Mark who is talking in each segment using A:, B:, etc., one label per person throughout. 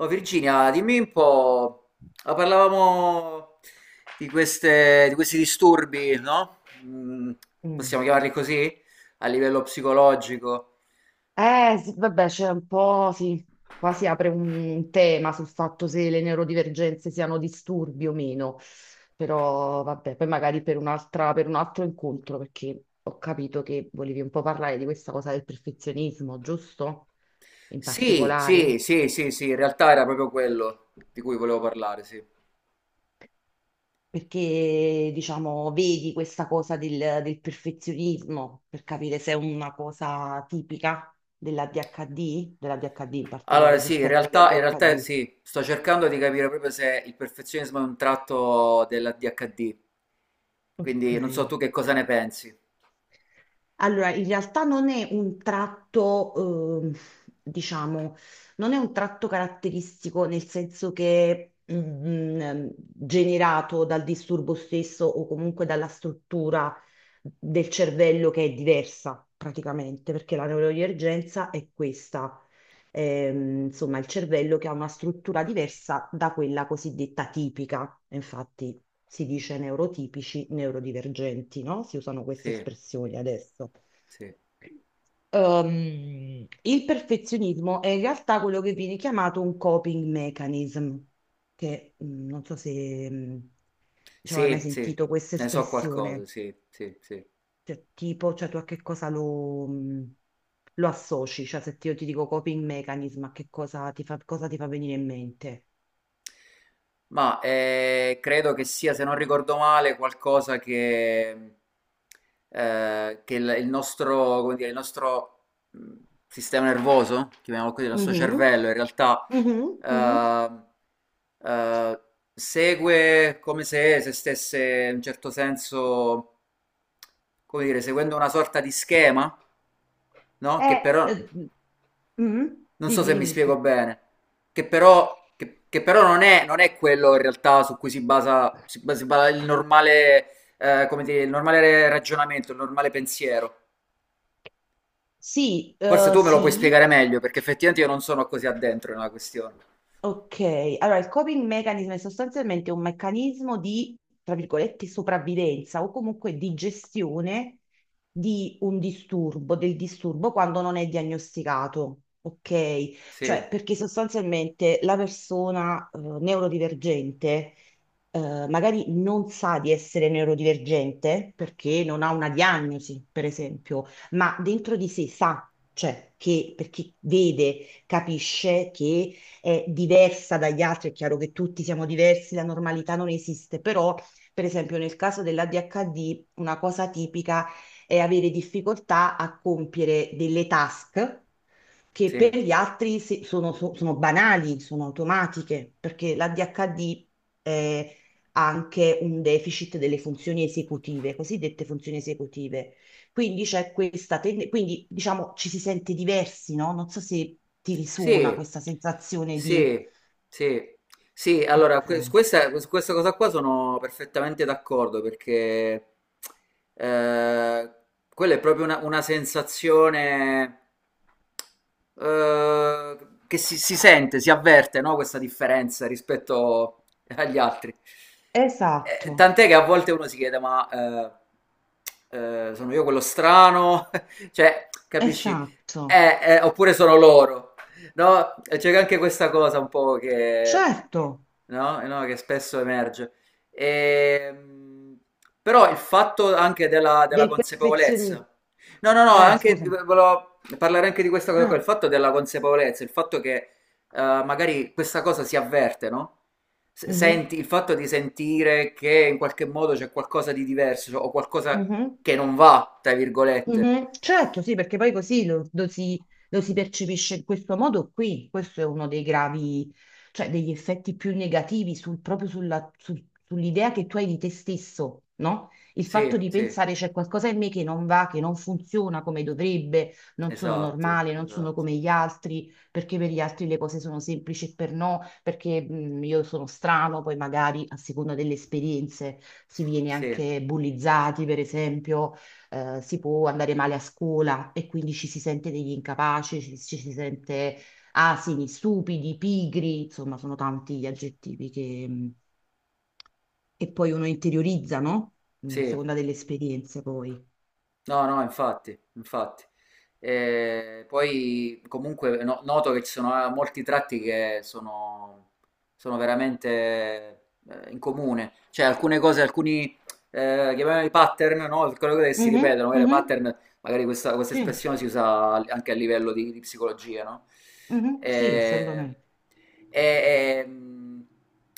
A: Oh, Virginia, dimmi un po', parlavamo di questi disturbi, no?
B: hm
A: Possiamo chiamarli così? A livello psicologico.
B: Sì, vabbè, c'è un po', sì, qua si apre un tema sul fatto se le neurodivergenze siano disturbi o meno, però vabbè, poi magari per un'altra, per un altro incontro, perché ho capito che volevi un po' parlare di questa cosa del perfezionismo, giusto? In
A: Sì, sì,
B: particolare,
A: sì, sì, sì, in realtà era proprio quello di cui volevo parlare, sì.
B: perché diciamo, vedi questa cosa del perfezionismo per capire se è una cosa tipica dell'ADHD, dell'ADHD in
A: Allora,
B: particolare, se
A: sì, in
B: esperta di
A: realtà, in realtà
B: ADHD.
A: sì, sto cercando di capire proprio se il perfezionismo è un tratto della DHD,
B: Ok.
A: quindi non so tu che cosa ne pensi.
B: Allora, in realtà non è un tratto, ehm, diciamo, non è un tratto caratteristico nel senso che generato dal disturbo stesso o comunque dalla struttura del cervello che è diversa praticamente, perché la neurodivergenza è questa, insomma, il cervello che ha una struttura diversa da quella cosiddetta tipica. Infatti si dice neurotipici, neurodivergenti, no? Si usano queste
A: Sì,
B: espressioni adesso.
A: sì,
B: Il perfezionismo è in realtà quello che viene chiamato un coping mechanism, che non so se diciamo, hai mai
A: sì,
B: sentito questa
A: ne so qualcosa,
B: espressione,
A: sì, sì, sì.
B: cioè, tipo, cioè tu a che cosa lo, lo associ, cioè se ti- io ti dico coping mechanism, a che cosa ti fa venire in mente?
A: Ma credo che sia, se non ricordo male, qualcosa che il nostro, come dire, il nostro mh, sistema nervoso, chiamiamolo così, il nostro
B: Mhm,
A: cervello, in realtà
B: mhm, mhm.
A: eh, eh, segue come se, se stesse in un certo senso, come dire, seguendo una sorta di schema, no? Che
B: Eh,
A: però
B: eh, mhm.
A: non so
B: Dimmi,
A: se mi
B: dimmi, scusa.
A: spiego bene, che però, che però non è, non è quello in realtà su cui si basa, si basa- si basa il normale, come dire, il normale ragionamento, il normale pensiero.
B: Sì,
A: Forse tu me lo puoi
B: sì,
A: spiegare meglio, perché effettivamente io non sono così addentro nella questione.
B: ok, allora il coping mechanism è sostanzialmente un meccanismo di, tra virgolette, sopravvivenza o comunque di gestione di un disturbo, del disturbo quando non è diagnosticato, ok?
A: Sì,
B: Cioè, perché sostanzialmente la persona neurodivergente magari non sa di essere neurodivergente perché non ha una diagnosi, per esempio, ma dentro di sé sa, cioè, che perché vede, capisce che è diversa dagli altri, è chiaro che tutti siamo diversi, la normalità non esiste, però per esempio nel caso dell'ADHD una cosa tipica è avere difficoltà a compiere delle task che per
A: sì.
B: gli altri sono, sono banali, sono automatiche, perché l'ADHD è anche un deficit delle funzioni esecutive, cosiddette funzioni esecutive. Quindi c'è questa quindi diciamo ci si sente diversi, no? Non so se ti risuona
A: Sì,
B: questa sensazione di...
A: sì, sì, sì,
B: Ok,
A: su questa cosa qua sono perfettamente d'accordo perché eh, quella è proprio una sensazione eh, che si sente, si avverte, no? Questa differenza rispetto agli altri.
B: esatto,
A: Tant'è che a volte uno si chiede, ma sono io quello strano? Cioè, capisci?
B: esatto,
A: Oppure sono loro. No, c'era anche questa cosa un po' che,
B: certo,
A: no? No, che spesso emerge. Ehm, però il fatto anche della
B: del perfezionismo.
A: consapevolezza. No, no, no, anche,
B: Scusami.
A: volevo parlare anche di questa cosa qua, il
B: Eh,
A: fatto della consapevolezza, il fatto che magari questa cosa si avverte, no?
B: mhm,
A: Senti, il fatto di sentire che in qualche modo c'è qualcosa di diverso cioè, o qualcosa
B: mhm.
A: che non va, tra virgolette.
B: Mhm, certo, sì, perché poi così lo si percepisce in questo modo qui. Questo è uno dei gravi, cioè degli effetti più negativi proprio sull'idea che tu hai di te stesso, no? Il fatto
A: Sì,
B: di
A: sì,
B: pensare c'è qualcosa in me che non va, che non funziona come dovrebbe, non sono
A: esatto,
B: normale, non sono
A: esatto.
B: come gli altri, perché per gli altri le cose sono semplici e per no, perché io sono strano, poi magari a seconda delle esperienze si viene
A: Sì.
B: anche bullizzati, per esempio si può andare male a scuola e quindi ci si sente degli incapaci, ci si sente asini, stupidi, pigri, insomma, sono tanti gli aggettivi che poi uno interiorizza, no? A
A: Sì,
B: seconda delle esperienze poi.
A: no, no, infatti, infatti. Poi comunque noto che ci sono molti tratti che sono, sono veramente in comune, cioè alcune cose, alcuni chiamiamoli pattern, no? Quelle cose che si
B: Mhm,
A: ripetono, magari
B: mhm,
A: pattern, magari questa
B: sì,
A: espressione si usa anche a livello di psicologia, no?
B: mhm, sì,
A: Eh,
B: assolutamente.
A: e, e, mh,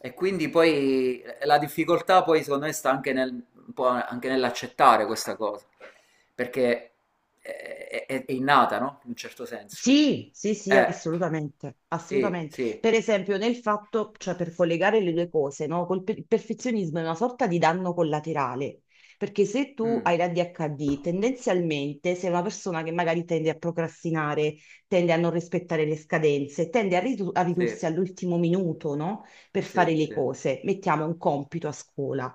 A: e quindi poi la difficoltà poi secondo me sta anche un po' anche nell'accettare questa cosa perché è innata, no? In un certo senso.
B: Sì, sì, sì,
A: Eh,
B: assolutamente,
A: sì,
B: assolutamente.
A: sì.
B: Per esempio, nel fatto, cioè per collegare le due cose, no? Il perfezionismo è una sorta di danno collaterale, perché se tu
A: Mm,
B: hai l'ADHD, tendenzialmente sei una persona che magari tende a procrastinare, tende a non rispettare le scadenze, tende a, a
A: sì,
B: ridursi all'ultimo minuto, no? Per
A: sì,
B: fare le
A: sì,
B: cose. Mettiamo un compito a scuola.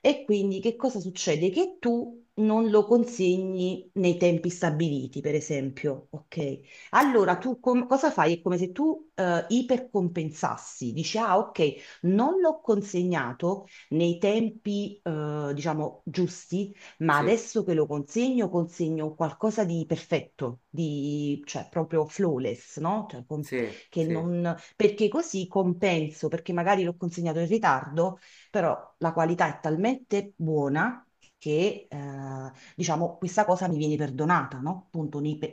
B: E quindi che cosa succede? Che tu non lo consegni nei tempi stabiliti, per esempio, ok? Allora, tu cosa fai? È come se tu ipercompensassi, dici, ah, ok, non l'ho consegnato nei tempi, diciamo, giusti, ma
A: sì,
B: adesso che lo consegno, consegno qualcosa di perfetto, di, cioè proprio flawless, no? Cioè,
A: sì,
B: che
A: sì,
B: perché così compenso, perché magari l'ho consegnato in ritardo, però la qualità è talmente buona che... diciamo, questa cosa mi viene perdonata, no? Appunto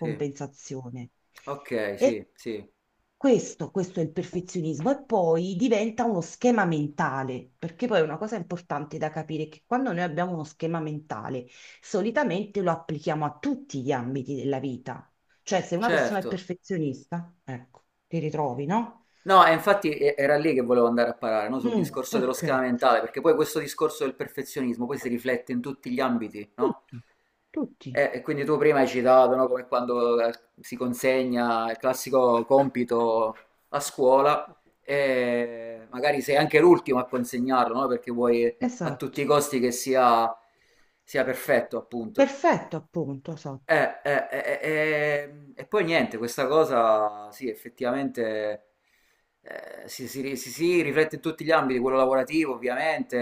A: sì. Ok,
B: E
A: sì, sì,
B: questo è il perfezionismo e poi diventa uno schema mentale, perché poi è una cosa importante da capire è che quando noi abbiamo uno schema mentale, solitamente lo applichiamo a tutti gli ambiti della vita. Cioè, se una persona è
A: certo.
B: perfezionista, ecco, ti ritrovi, no?
A: No, e infatti era lì che volevo andare a parare, no? Sul
B: Mm,
A: discorso dello
B: ok,
A: schema mentale, perché poi questo discorso del perfezionismo poi si riflette in tutti gli ambiti, no?
B: tutti, tutti.
A: E quindi tu prima hai citato, no? Come quando si consegna il classico compito a scuola e magari sei anche l'ultimo a consegnarlo, no? Perché vuoi a tutti i
B: Esatto.
A: costi che sia, sia perfetto, appunto.
B: Perfetto, appunto, esatto.
A: E poi niente, questa cosa sì, effettivamente si riflette in tutti gli ambiti, quello lavorativo ovviamente,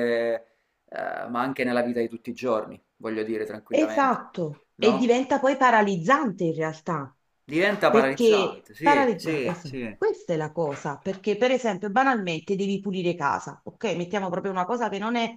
A: eh, ma anche nella vita di tutti i giorni, voglio dire tranquillamente,
B: Esatto, e
A: no?
B: diventa poi paralizzante in realtà,
A: Diventa
B: perché
A: paralizzante, sì,
B: paralizza,
A: sì,
B: esatto,
A: sì,
B: questa è la cosa, perché per esempio banalmente devi pulire casa, ok? Mettiamo proprio una cosa che non è,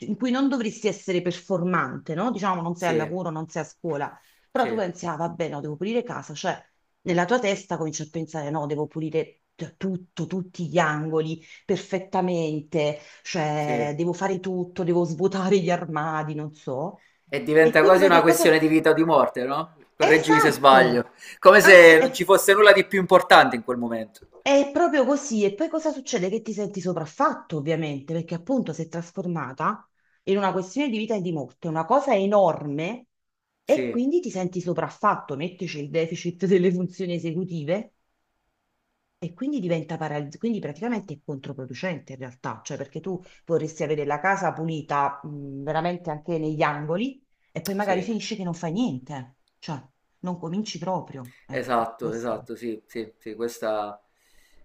B: in cui non dovresti essere performante, no? Diciamo non sei al
A: sì,
B: lavoro, non sei a scuola, però tu
A: sì,
B: pensi, ah vabbè, no, devo pulire casa, cioè nella tua testa cominci a pensare, no, devo pulire tutto, tutti gli angoli perfettamente, cioè
A: sì.
B: devo fare tutto, devo svuotare gli armadi, non so.
A: E
B: E
A: diventa
B: quindi
A: quasi
B: poi
A: una
B: che
A: questione
B: cosa...
A: di vita o di morte, no? Correggimi se
B: Esatto!
A: sbaglio, come
B: Ass-
A: se non ci
B: e-
A: fosse nulla di più importante in quel momento.
B: È proprio così. E poi cosa succede? Che ti senti sopraffatto, ovviamente, perché appunto si è trasformata in una questione di vita e di morte, una cosa enorme, e
A: Sì,
B: quindi ti senti sopraffatto, mettici il deficit delle funzioni esecutive, e quindi diventa paralizzante, quindi praticamente è controproducente in realtà, cioè perché tu vorresti avere la casa pulita, veramente anche negli angoli, e poi magari
A: sì.
B: finisci che non fai niente, cioè non cominci proprio, ecco,
A: Esatto,
B: questo.
A: esatto, sì, sì, sì, questa,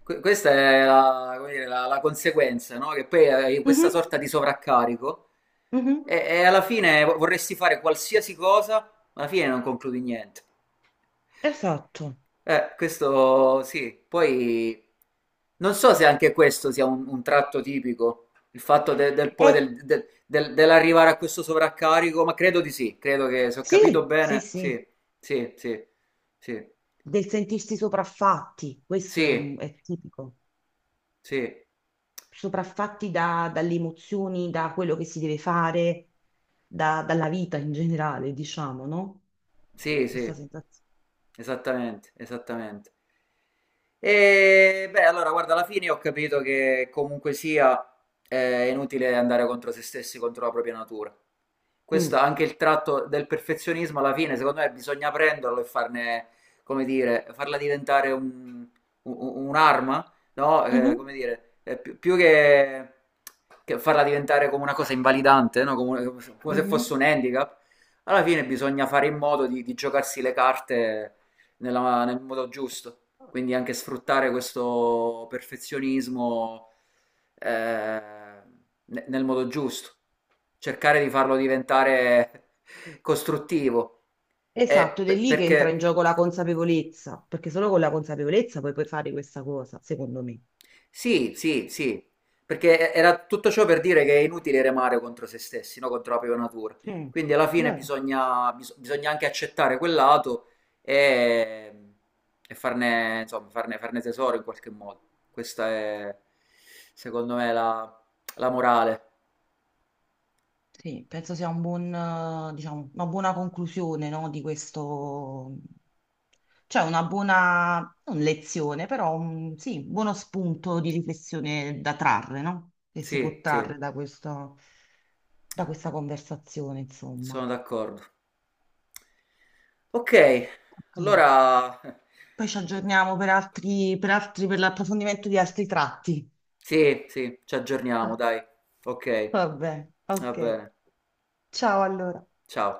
A: questa è la, come dire, la conseguenza, no? Che poi hai questa
B: Mhm,
A: sorta di sovraccarico
B: mhm,
A: e alla fine vorresti fare qualsiasi cosa, ma alla fine non concludi niente.
B: esatto.
A: Questo sì, poi non so se anche questo sia un tratto tipico, il fatto de- del, poi
B: Eh,
A: del- del- del- dell'arrivare a questo sovraccarico, ma credo di sì, credo che se ho capito
B: sì, sì,
A: bene,
B: sì,
A: sì, sì, sì, sì,
B: del sentirsi sopraffatti, questo è,
A: sì.
B: è tipico,
A: Sì.
B: sopraffatti dalle emozioni, da quello che si deve fare, dalla vita in generale, diciamo, no?
A: Sì,
B: Questa
A: sì.
B: sensazione.
A: Esattamente, esattamente. E beh, allora, guarda, alla fine ho capito che comunque sia è inutile andare contro se stessi, contro la propria natura. Questo è
B: Mm.
A: anche il tratto del perfezionismo, alla fine, secondo me, bisogna prenderlo e farne, come dire, farla diventare un'arma, no? Come
B: Mhm,
A: dire, più che farla diventare come una cosa invalidante, no? Come, come se fosse
B: mhm.
A: un handicap. Alla fine bisogna fare in modo di giocarsi le carte nel modo giusto. Quindi anche sfruttare questo perfezionismo eh, nel modo giusto. Cercare di farlo diventare costruttivo. Eh,
B: Esatto, ed è
A: per-
B: lì che entra in
A: perché
B: gioco la consapevolezza, perché solo con la consapevolezza poi puoi fare questa cosa, secondo me.
A: sì, sì, sì, perché era tutto ciò per dire che è inutile remare contro se stessi, no? Contro la propria natura.
B: Mm.
A: Quindi alla fine
B: Bene.
A: bisogna, bisogna anche accettare quel lato e, e farne, insomma, farne tesoro in qualche modo. Questa è, secondo me, la, la morale.
B: Sì, penso sia un buon, diciamo, una buona conclusione, no, di questo, cioè una buona, non lezione, però un, sì, buono spunto di riflessione da trarre, no? Che si può
A: Sì, sì,
B: trarre da questo, da questa conversazione, insomma.
A: sono d'accordo. Ok,
B: Ok.
A: allora
B: Poi ci aggiorniamo per altri, per altri, per l'approfondimento di altri tratti.
A: sì, sì, ci
B: Ok.
A: aggiorniamo, dai. Ok,
B: Vabbè,
A: va
B: ok.
A: bene.
B: Ciao allora.
A: Ciao.